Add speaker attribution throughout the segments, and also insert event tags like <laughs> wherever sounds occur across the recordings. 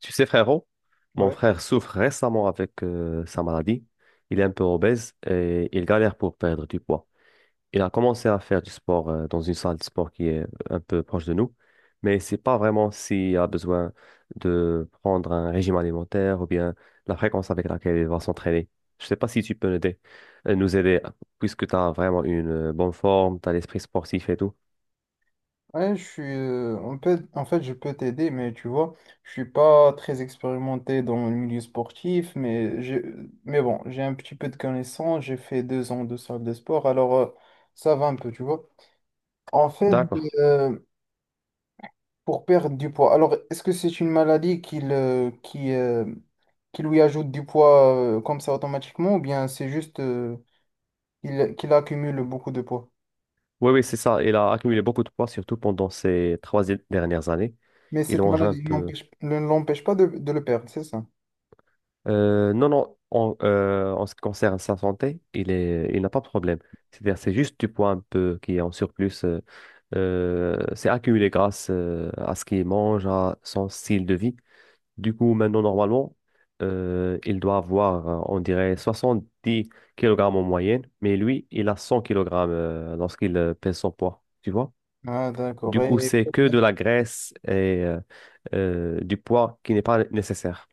Speaker 1: Tu sais, frérot, mon
Speaker 2: Ouais.
Speaker 1: frère souffre récemment avec sa maladie. Il est un peu obèse et il galère pour perdre du poids. Il a commencé à faire du sport dans une salle de sport qui est un peu proche de nous, mais c'est pas vraiment s'il a besoin de prendre un régime alimentaire ou bien la fréquence avec laquelle il va s'entraîner. Je sais pas si tu peux nous aider, puisque tu as vraiment une bonne forme, tu as l'esprit sportif et tout.
Speaker 2: Ouais, je suis, on peut, en fait, je peux t'aider, mais tu vois, je suis pas très expérimenté dans le milieu sportif, mais bon, j'ai un petit peu de connaissances, j'ai fait 2 ans de salle de sport, alors ça va un peu, tu vois. En fait, Mhm.
Speaker 1: D'accord.
Speaker 2: euh, pour perdre du poids, alors est-ce que c'est une maladie qui lui ajoute du poids comme ça automatiquement, ou bien c'est juste qu'il accumule beaucoup de poids?
Speaker 1: Oui, oui, c'est ça. Il a accumulé beaucoup de poids, surtout pendant ces trois dernières années.
Speaker 2: Mais
Speaker 1: Il
Speaker 2: cette
Speaker 1: mange un
Speaker 2: maladie
Speaker 1: peu.
Speaker 2: ne l'empêche pas de le perdre, c'est ça?
Speaker 1: Non, non, en ce qui concerne sa santé, il n'a pas de problème. C'est-à-dire, c'est juste du poids un peu qui est en surplus. C'est accumulé grâce à ce qu'il mange, à son style de vie. Du coup, maintenant, normalement, il doit avoir, on dirait, 70 kilogrammes en moyenne, mais lui, il a 100 kg lorsqu'il pèse son poids. Tu vois?
Speaker 2: Ah, d'accord.
Speaker 1: Du coup,
Speaker 2: Et
Speaker 1: c'est que
Speaker 2: combien-
Speaker 1: de la graisse et du poids qui n'est pas nécessaire.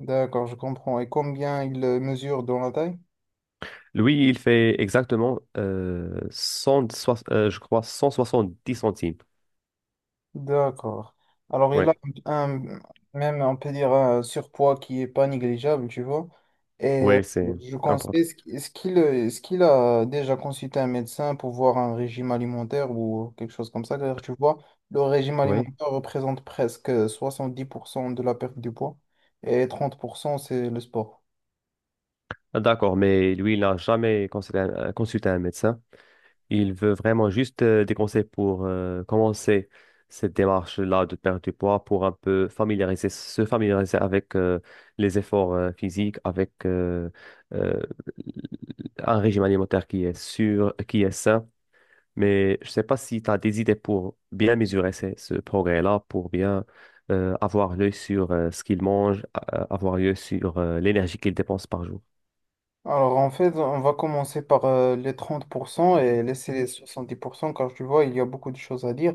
Speaker 2: D'accord, je comprends. Et combien il mesure dans la taille?
Speaker 1: Lui, il fait exactement 100, je crois 170 centimes.
Speaker 2: D'accord. Alors,
Speaker 1: Oui,
Speaker 2: il a un, même, on peut dire, un surpoids qui n'est pas négligeable, tu vois. Et
Speaker 1: oui, c'est
Speaker 2: je conseille,
Speaker 1: important.
Speaker 2: est-ce qu'il a déjà consulté un médecin pour voir un régime alimentaire ou quelque chose comme ça? Car tu vois, le régime
Speaker 1: Oui,
Speaker 2: alimentaire représente presque 70% de la perte du poids et 30% c'est le sport.
Speaker 1: d'accord, mais lui, il n'a jamais consulté consulté un médecin. Il veut vraiment juste des conseils pour commencer cette démarche-là de perdre du poids pour un peu se familiariser avec les efforts physiques, avec euh, un régime alimentaire qui est sûr, qui est sain. Mais je ne sais pas si tu as des idées pour bien mesurer ce progrès-là, pour bien avoir l'œil sur ce qu'il mange, avoir l'œil sur l'énergie qu'il dépense par jour.
Speaker 2: Alors en fait, on va commencer par les 30% et laisser les 70% car tu vois, il y a beaucoup de choses à dire.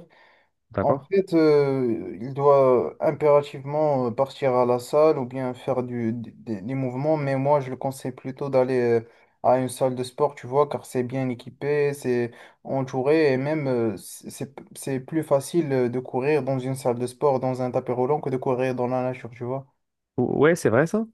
Speaker 2: En
Speaker 1: D'accord?
Speaker 2: fait, il doit impérativement partir à la salle ou bien faire des mouvements, mais moi je le conseille plutôt d'aller à une salle de sport, tu vois, car c'est bien équipé, c'est entouré et même c'est plus facile de courir dans une salle de sport, dans un tapis roulant que de courir dans la nature, tu vois.
Speaker 1: Ouais, c'est vrai ça?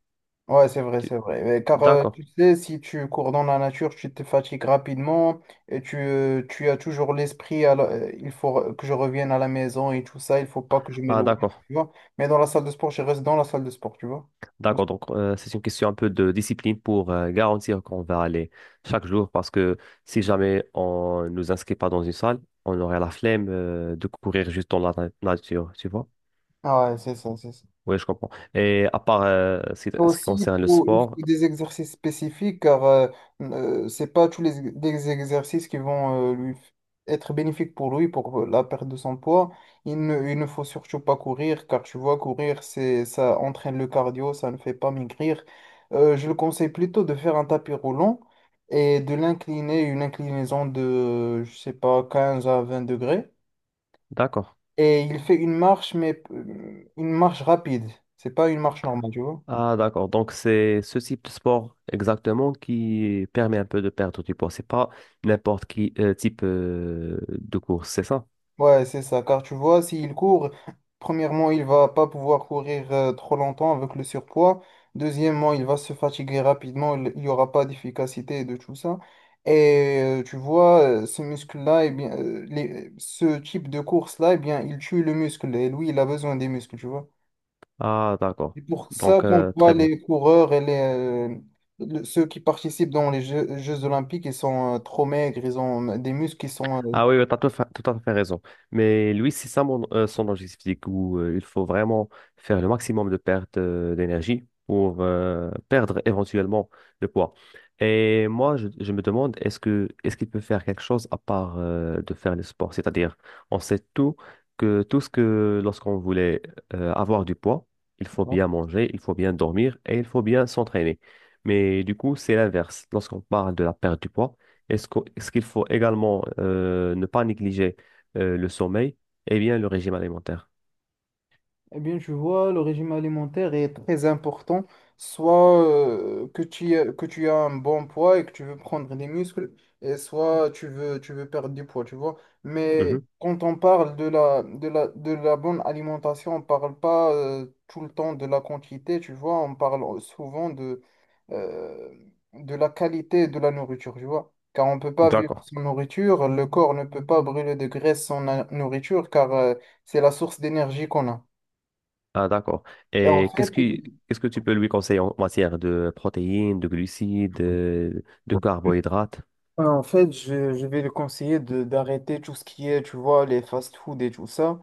Speaker 2: Ouais, c'est vrai, c'est
Speaker 1: Tu-
Speaker 2: vrai. Car
Speaker 1: D'accord.
Speaker 2: tu sais, si tu cours dans la nature, tu te fatigues rapidement et tu as toujours l'esprit, il faut que je revienne à la maison et tout ça, il faut pas que je
Speaker 1: Ah,
Speaker 2: m'éloigne,
Speaker 1: d'accord.
Speaker 2: tu vois. Mais dans la salle de sport, je reste dans la salle de sport, tu vois.
Speaker 1: D'accord. Donc, c'est une question un peu de discipline pour garantir qu'on va aller chaque jour parce que si jamais on ne nous inscrit pas dans une salle, on aurait la flemme de courir juste dans la nature, tu vois?
Speaker 2: Ah ouais, c'est ça, c'est ça.
Speaker 1: Oui, je comprends. Et à part ce qui
Speaker 2: Aussi,
Speaker 1: concerne le
Speaker 2: il faut
Speaker 1: sport,
Speaker 2: des exercices spécifiques car c'est pas tous les exercices qui vont être bénéfiques pour lui pour la perte de son poids. Il ne faut surtout pas courir car tu vois, courir, ça entraîne le cardio, ça ne fait pas maigrir. Je le conseille plutôt de faire un tapis roulant et de l'incliner, une inclinaison de, je sais pas, 15 à 20 degrés.
Speaker 1: d'accord.
Speaker 2: Et il fait une marche, mais une marche rapide. C'est pas une marche normale, tu vois.
Speaker 1: Ah, d'accord. Donc, c'est ce type de sport exactement qui permet un peu de perdre du poids. C'est pas n'importe qui type de course, c'est ça?
Speaker 2: Ouais, c'est ça, car tu vois, s'il court, premièrement, il va pas pouvoir courir trop longtemps avec le surpoids. Deuxièmement, il va se fatiguer rapidement, il n'y aura pas d'efficacité et de tout ça. Et tu vois, ce muscle-là, eh bien, ce type de course-là, eh bien, il tue le muscle. Et lui, il a besoin des muscles, tu vois.
Speaker 1: Ah, d'accord.
Speaker 2: C'est pour ça
Speaker 1: Donc,
Speaker 2: qu'on voit
Speaker 1: très bien.
Speaker 2: les coureurs et ceux qui participent dans les Jeux olympiques, ils sont trop maigres, ils ont des muscles qui sont...
Speaker 1: Ah oui, tu as tout à fait raison. Mais lui, c'est ça son objectif physique où il faut vraiment faire le maximum de pertes d'énergie pour perdre éventuellement le poids. Et moi, je me demande, est-ce qu'il peut faire quelque chose à part de faire le sport? C'est-à-dire, on sait tout que tout ce que lorsqu'on voulait avoir du poids, il faut
Speaker 2: euh,
Speaker 1: bien manger, il faut bien dormir et il faut bien s'entraîner. Mais du coup, c'est l'inverse. Lorsqu'on parle de la perte du poids, est-ce qu'il faut également ne pas négliger le sommeil et bien le régime alimentaire?
Speaker 2: Eh bien, tu vois, le régime alimentaire est très important, soit que tu as un bon poids et que tu veux prendre des muscles, et soit tu veux perdre du poids, tu vois. Mais Mhm.
Speaker 1: Mhm.
Speaker 2: quand on parle de la bonne alimentation, on parle pas tout le temps de la quantité, tu vois, on parle souvent euh, de la qualité de la nourriture, tu vois. Car on ne peut pas vivre
Speaker 1: D'accord.
Speaker 2: sans nourriture, le corps ne peut pas brûler de graisse sans nourriture, car c'est la source d'énergie qu'on a.
Speaker 1: Ah, d'accord.
Speaker 2: Et en
Speaker 1: Et
Speaker 2: fait, il-
Speaker 1: qu'est-ce que tu peux lui conseiller en matière de protéines, de glucides, de, carbohydrates?
Speaker 2: ouais, en fait, je vais le conseiller de d'arrêter tout ce qui est, tu vois, les fast-food et tout ça,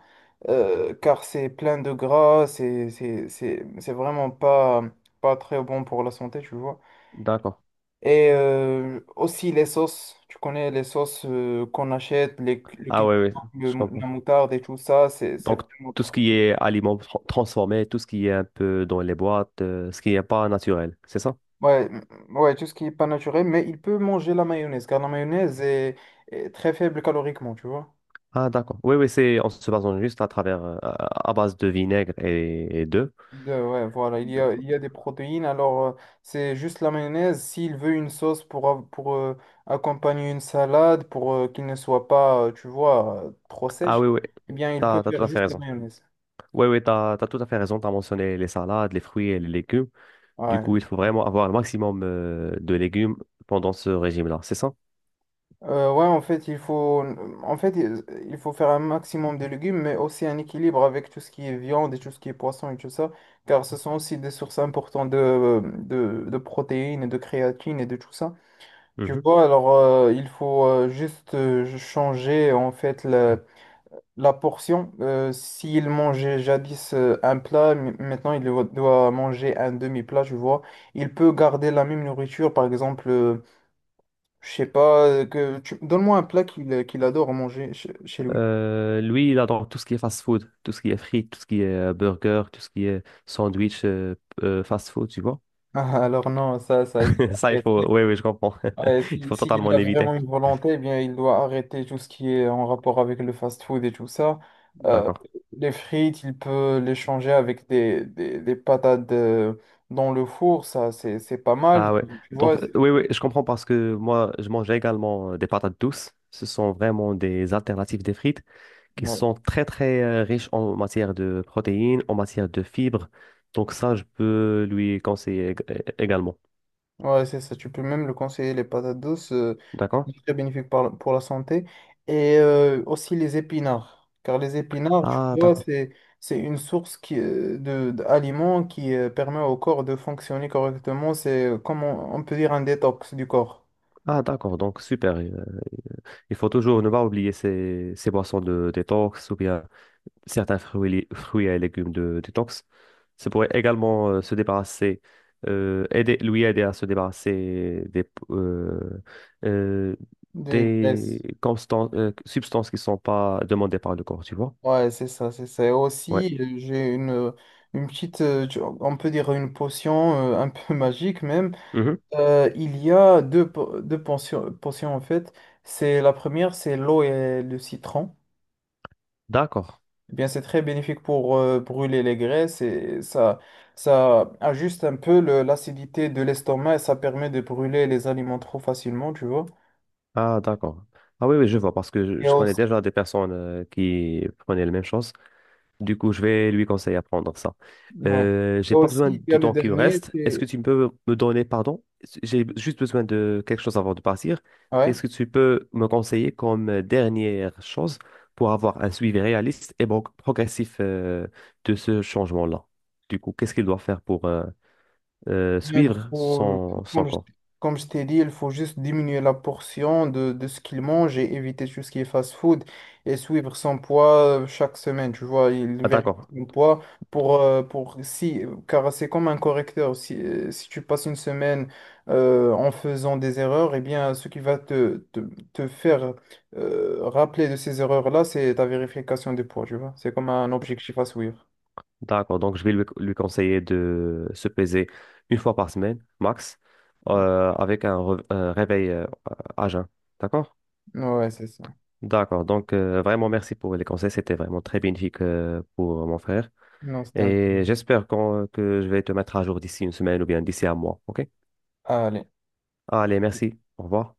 Speaker 2: car c'est plein de gras, c'est vraiment pas très bon pour la santé, tu vois.
Speaker 1: D'accord.
Speaker 2: Et aussi les sauces, tu connais les sauces qu'on achète, le
Speaker 1: Ah
Speaker 2: ketchup,
Speaker 1: oui, oui,
Speaker 2: le-
Speaker 1: je comprends.
Speaker 2: la moutarde et tout ça, c'est
Speaker 1: Donc,
Speaker 2: vraiment
Speaker 1: tout ce
Speaker 2: trop
Speaker 1: qui
Speaker 2: bon.
Speaker 1: est aliments transformés, tout ce qui est un peu dans les boîtes, ce qui n'est pas naturel, c'est ça?
Speaker 2: Ouais, m- ouais, tout ce qui est pas naturel, mais il peut manger la mayonnaise, car la mayonnaise est très faible caloriquement, tu vois.
Speaker 1: Ah, d'accord. Oui, oui, c'est en se basant juste à travers, à base de vinaigre et d'œufs.
Speaker 2: Ouais, voilà, il y a des protéines. Alors, c'est juste la mayonnaise. S'il veut une sauce pour accompagner une salade, pour qu'il ne soit pas, trop
Speaker 1: Ah
Speaker 2: sèche,
Speaker 1: oui, oui,
Speaker 2: eh bien, il peut
Speaker 1: t'as tout
Speaker 2: faire
Speaker 1: à fait
Speaker 2: juste la
Speaker 1: raison.
Speaker 2: mayonnaise.
Speaker 1: Oui, oui, t'as tout à fait raison. T'as mentionné les salades, les fruits et les légumes. Du
Speaker 2: Ouais.
Speaker 1: coup, il faut vraiment avoir le maximum de légumes pendant ce régime-là, c'est ça?
Speaker 2: Ouais, en fait, en fait, il il faut faire un maximum de légumes, mais aussi un équilibre avec tout ce qui est viande et tout ce qui est poisson et tout ça, car ce sont aussi des sources importantes de protéines et de créatine et de tout ça. Tu
Speaker 1: Mhm.
Speaker 2: vois, alors il faut juste changer en fait la portion. S'il mangeait jadis un plat, maintenant il doit manger un demi-plat, tu vois. Il peut garder la même nourriture, par exemple, je sais pas, que tu... donne-moi un plat qu'il adore manger chez lui.
Speaker 1: Lui, il adore tout ce qui est fast-food, tout ce qui est frites, tout ce qui est burger, tout ce qui est sandwich fast-food, tu vois?
Speaker 2: <laughs> Alors non, ça, il faut
Speaker 1: <laughs> Ça, il faut...
Speaker 2: arrêter.
Speaker 1: Oui, oui, je comprends.
Speaker 2: Ouais,
Speaker 1: <laughs> Il
Speaker 2: si,
Speaker 1: faut totalement
Speaker 2: s'il a vraiment
Speaker 1: l'éviter.
Speaker 2: une volonté, eh bien, il doit arrêter tout ce qui est en rapport avec le fast-food et tout ça. Euh,
Speaker 1: D'accord.
Speaker 2: les frites, il peut les changer avec des patates dans le four, ça, c'est pas mal.
Speaker 1: Ah ouais.
Speaker 2: Tu
Speaker 1: Donc,
Speaker 2: vois,
Speaker 1: oui, oui, je comprends parce que moi, je mange également des patates douces. Ce sont vraiment des alternatives des frites qui
Speaker 2: ouais.
Speaker 1: sont très, très riches en matière de protéines, en matière de fibres. Donc, ça, je peux lui conseiller également.
Speaker 2: Ouais, c'est ça. Tu peux même le conseiller, les patates douces.
Speaker 1: D'accord?
Speaker 2: C'est très bénéfique pour la santé. Et aussi les épinards. Car les épinards, tu
Speaker 1: Ah,
Speaker 2: vois,
Speaker 1: d'accord.
Speaker 2: c'est une source d'aliments qui permet au corps de fonctionner correctement. C'est, comme on peut dire, un détox du corps,
Speaker 1: Ah, d'accord. Donc, super. Il faut toujours ne pas oublier ces boissons de détox ou bien certains fruits, et fruits et légumes de détox. Ça pourrait également se débarrasser, aider, lui aider à se débarrasser euh,
Speaker 2: de
Speaker 1: des
Speaker 2: graisse.
Speaker 1: substances qui ne sont pas demandées par le corps, tu vois?
Speaker 2: Ouais, c'est ça, c'est ça. Et
Speaker 1: Ouais.
Speaker 2: aussi, j'ai une petite, on peut dire une potion un peu <laughs> magique même.
Speaker 1: Mhm.
Speaker 2: Il y a deux pensions, en fait. C'est la première, c'est l'eau et le citron.
Speaker 1: D'accord.
Speaker 2: Eh bien, c'est très bénéfique pour brûler les graisses et ça ajuste un peu l'acidité de l'estomac et ça permet de brûler les aliments trop facilement, tu vois.
Speaker 1: Ah, d'accord. Ah oui, oui, je vois, parce que
Speaker 2: Et
Speaker 1: je connais
Speaker 2: aussi,
Speaker 1: déjà des personnes qui prenaient la même chose. Du coup, je vais lui conseiller à prendre ça.
Speaker 2: ouais. Et
Speaker 1: J'ai pas
Speaker 2: aussi,
Speaker 1: besoin
Speaker 2: il y a
Speaker 1: du
Speaker 2: le
Speaker 1: temps qui me
Speaker 2: dernier,
Speaker 1: reste. Est-ce que
Speaker 2: c'est...
Speaker 1: tu peux me donner, pardon, j'ai juste besoin de quelque chose avant de partir. Qu'est-ce
Speaker 2: ouais.
Speaker 1: que tu peux me conseiller comme dernière chose pour avoir un suivi réaliste et progressif de ce changement-là? Du coup, qu'est-ce qu'il doit faire pour
Speaker 2: Il
Speaker 1: suivre
Speaker 2: faut,
Speaker 1: son
Speaker 2: comme je,
Speaker 1: corps?
Speaker 2: comme je t'ai dit, il faut juste diminuer la portion de ce qu'il mange et éviter tout ce qui est fast-food et suivre son poids chaque semaine. Tu vois, il
Speaker 1: Ah,
Speaker 2: vérifie
Speaker 1: d'accord.
Speaker 2: son poids pour si, car c'est comme un correcteur. Si tu passes une semaine en faisant des erreurs, eh bien, ce qui va te faire rappeler de ces erreurs-là, c'est ta vérification des poids. Tu vois, c'est comme un objectif à suivre.
Speaker 1: D'accord, donc je vais lui conseiller de se peser une fois par semaine, max, avec un réveil à jeun. D'accord?
Speaker 2: Ouais, c'est ça.
Speaker 1: D'accord, donc vraiment merci pour les conseils, c'était vraiment très bénéfique pour mon frère.
Speaker 2: Non, c'était un peu.
Speaker 1: Et j'espère que je vais te mettre à jour d'ici une semaine ou bien d'ici un mois, ok?
Speaker 2: Allez.
Speaker 1: Allez, merci, au revoir.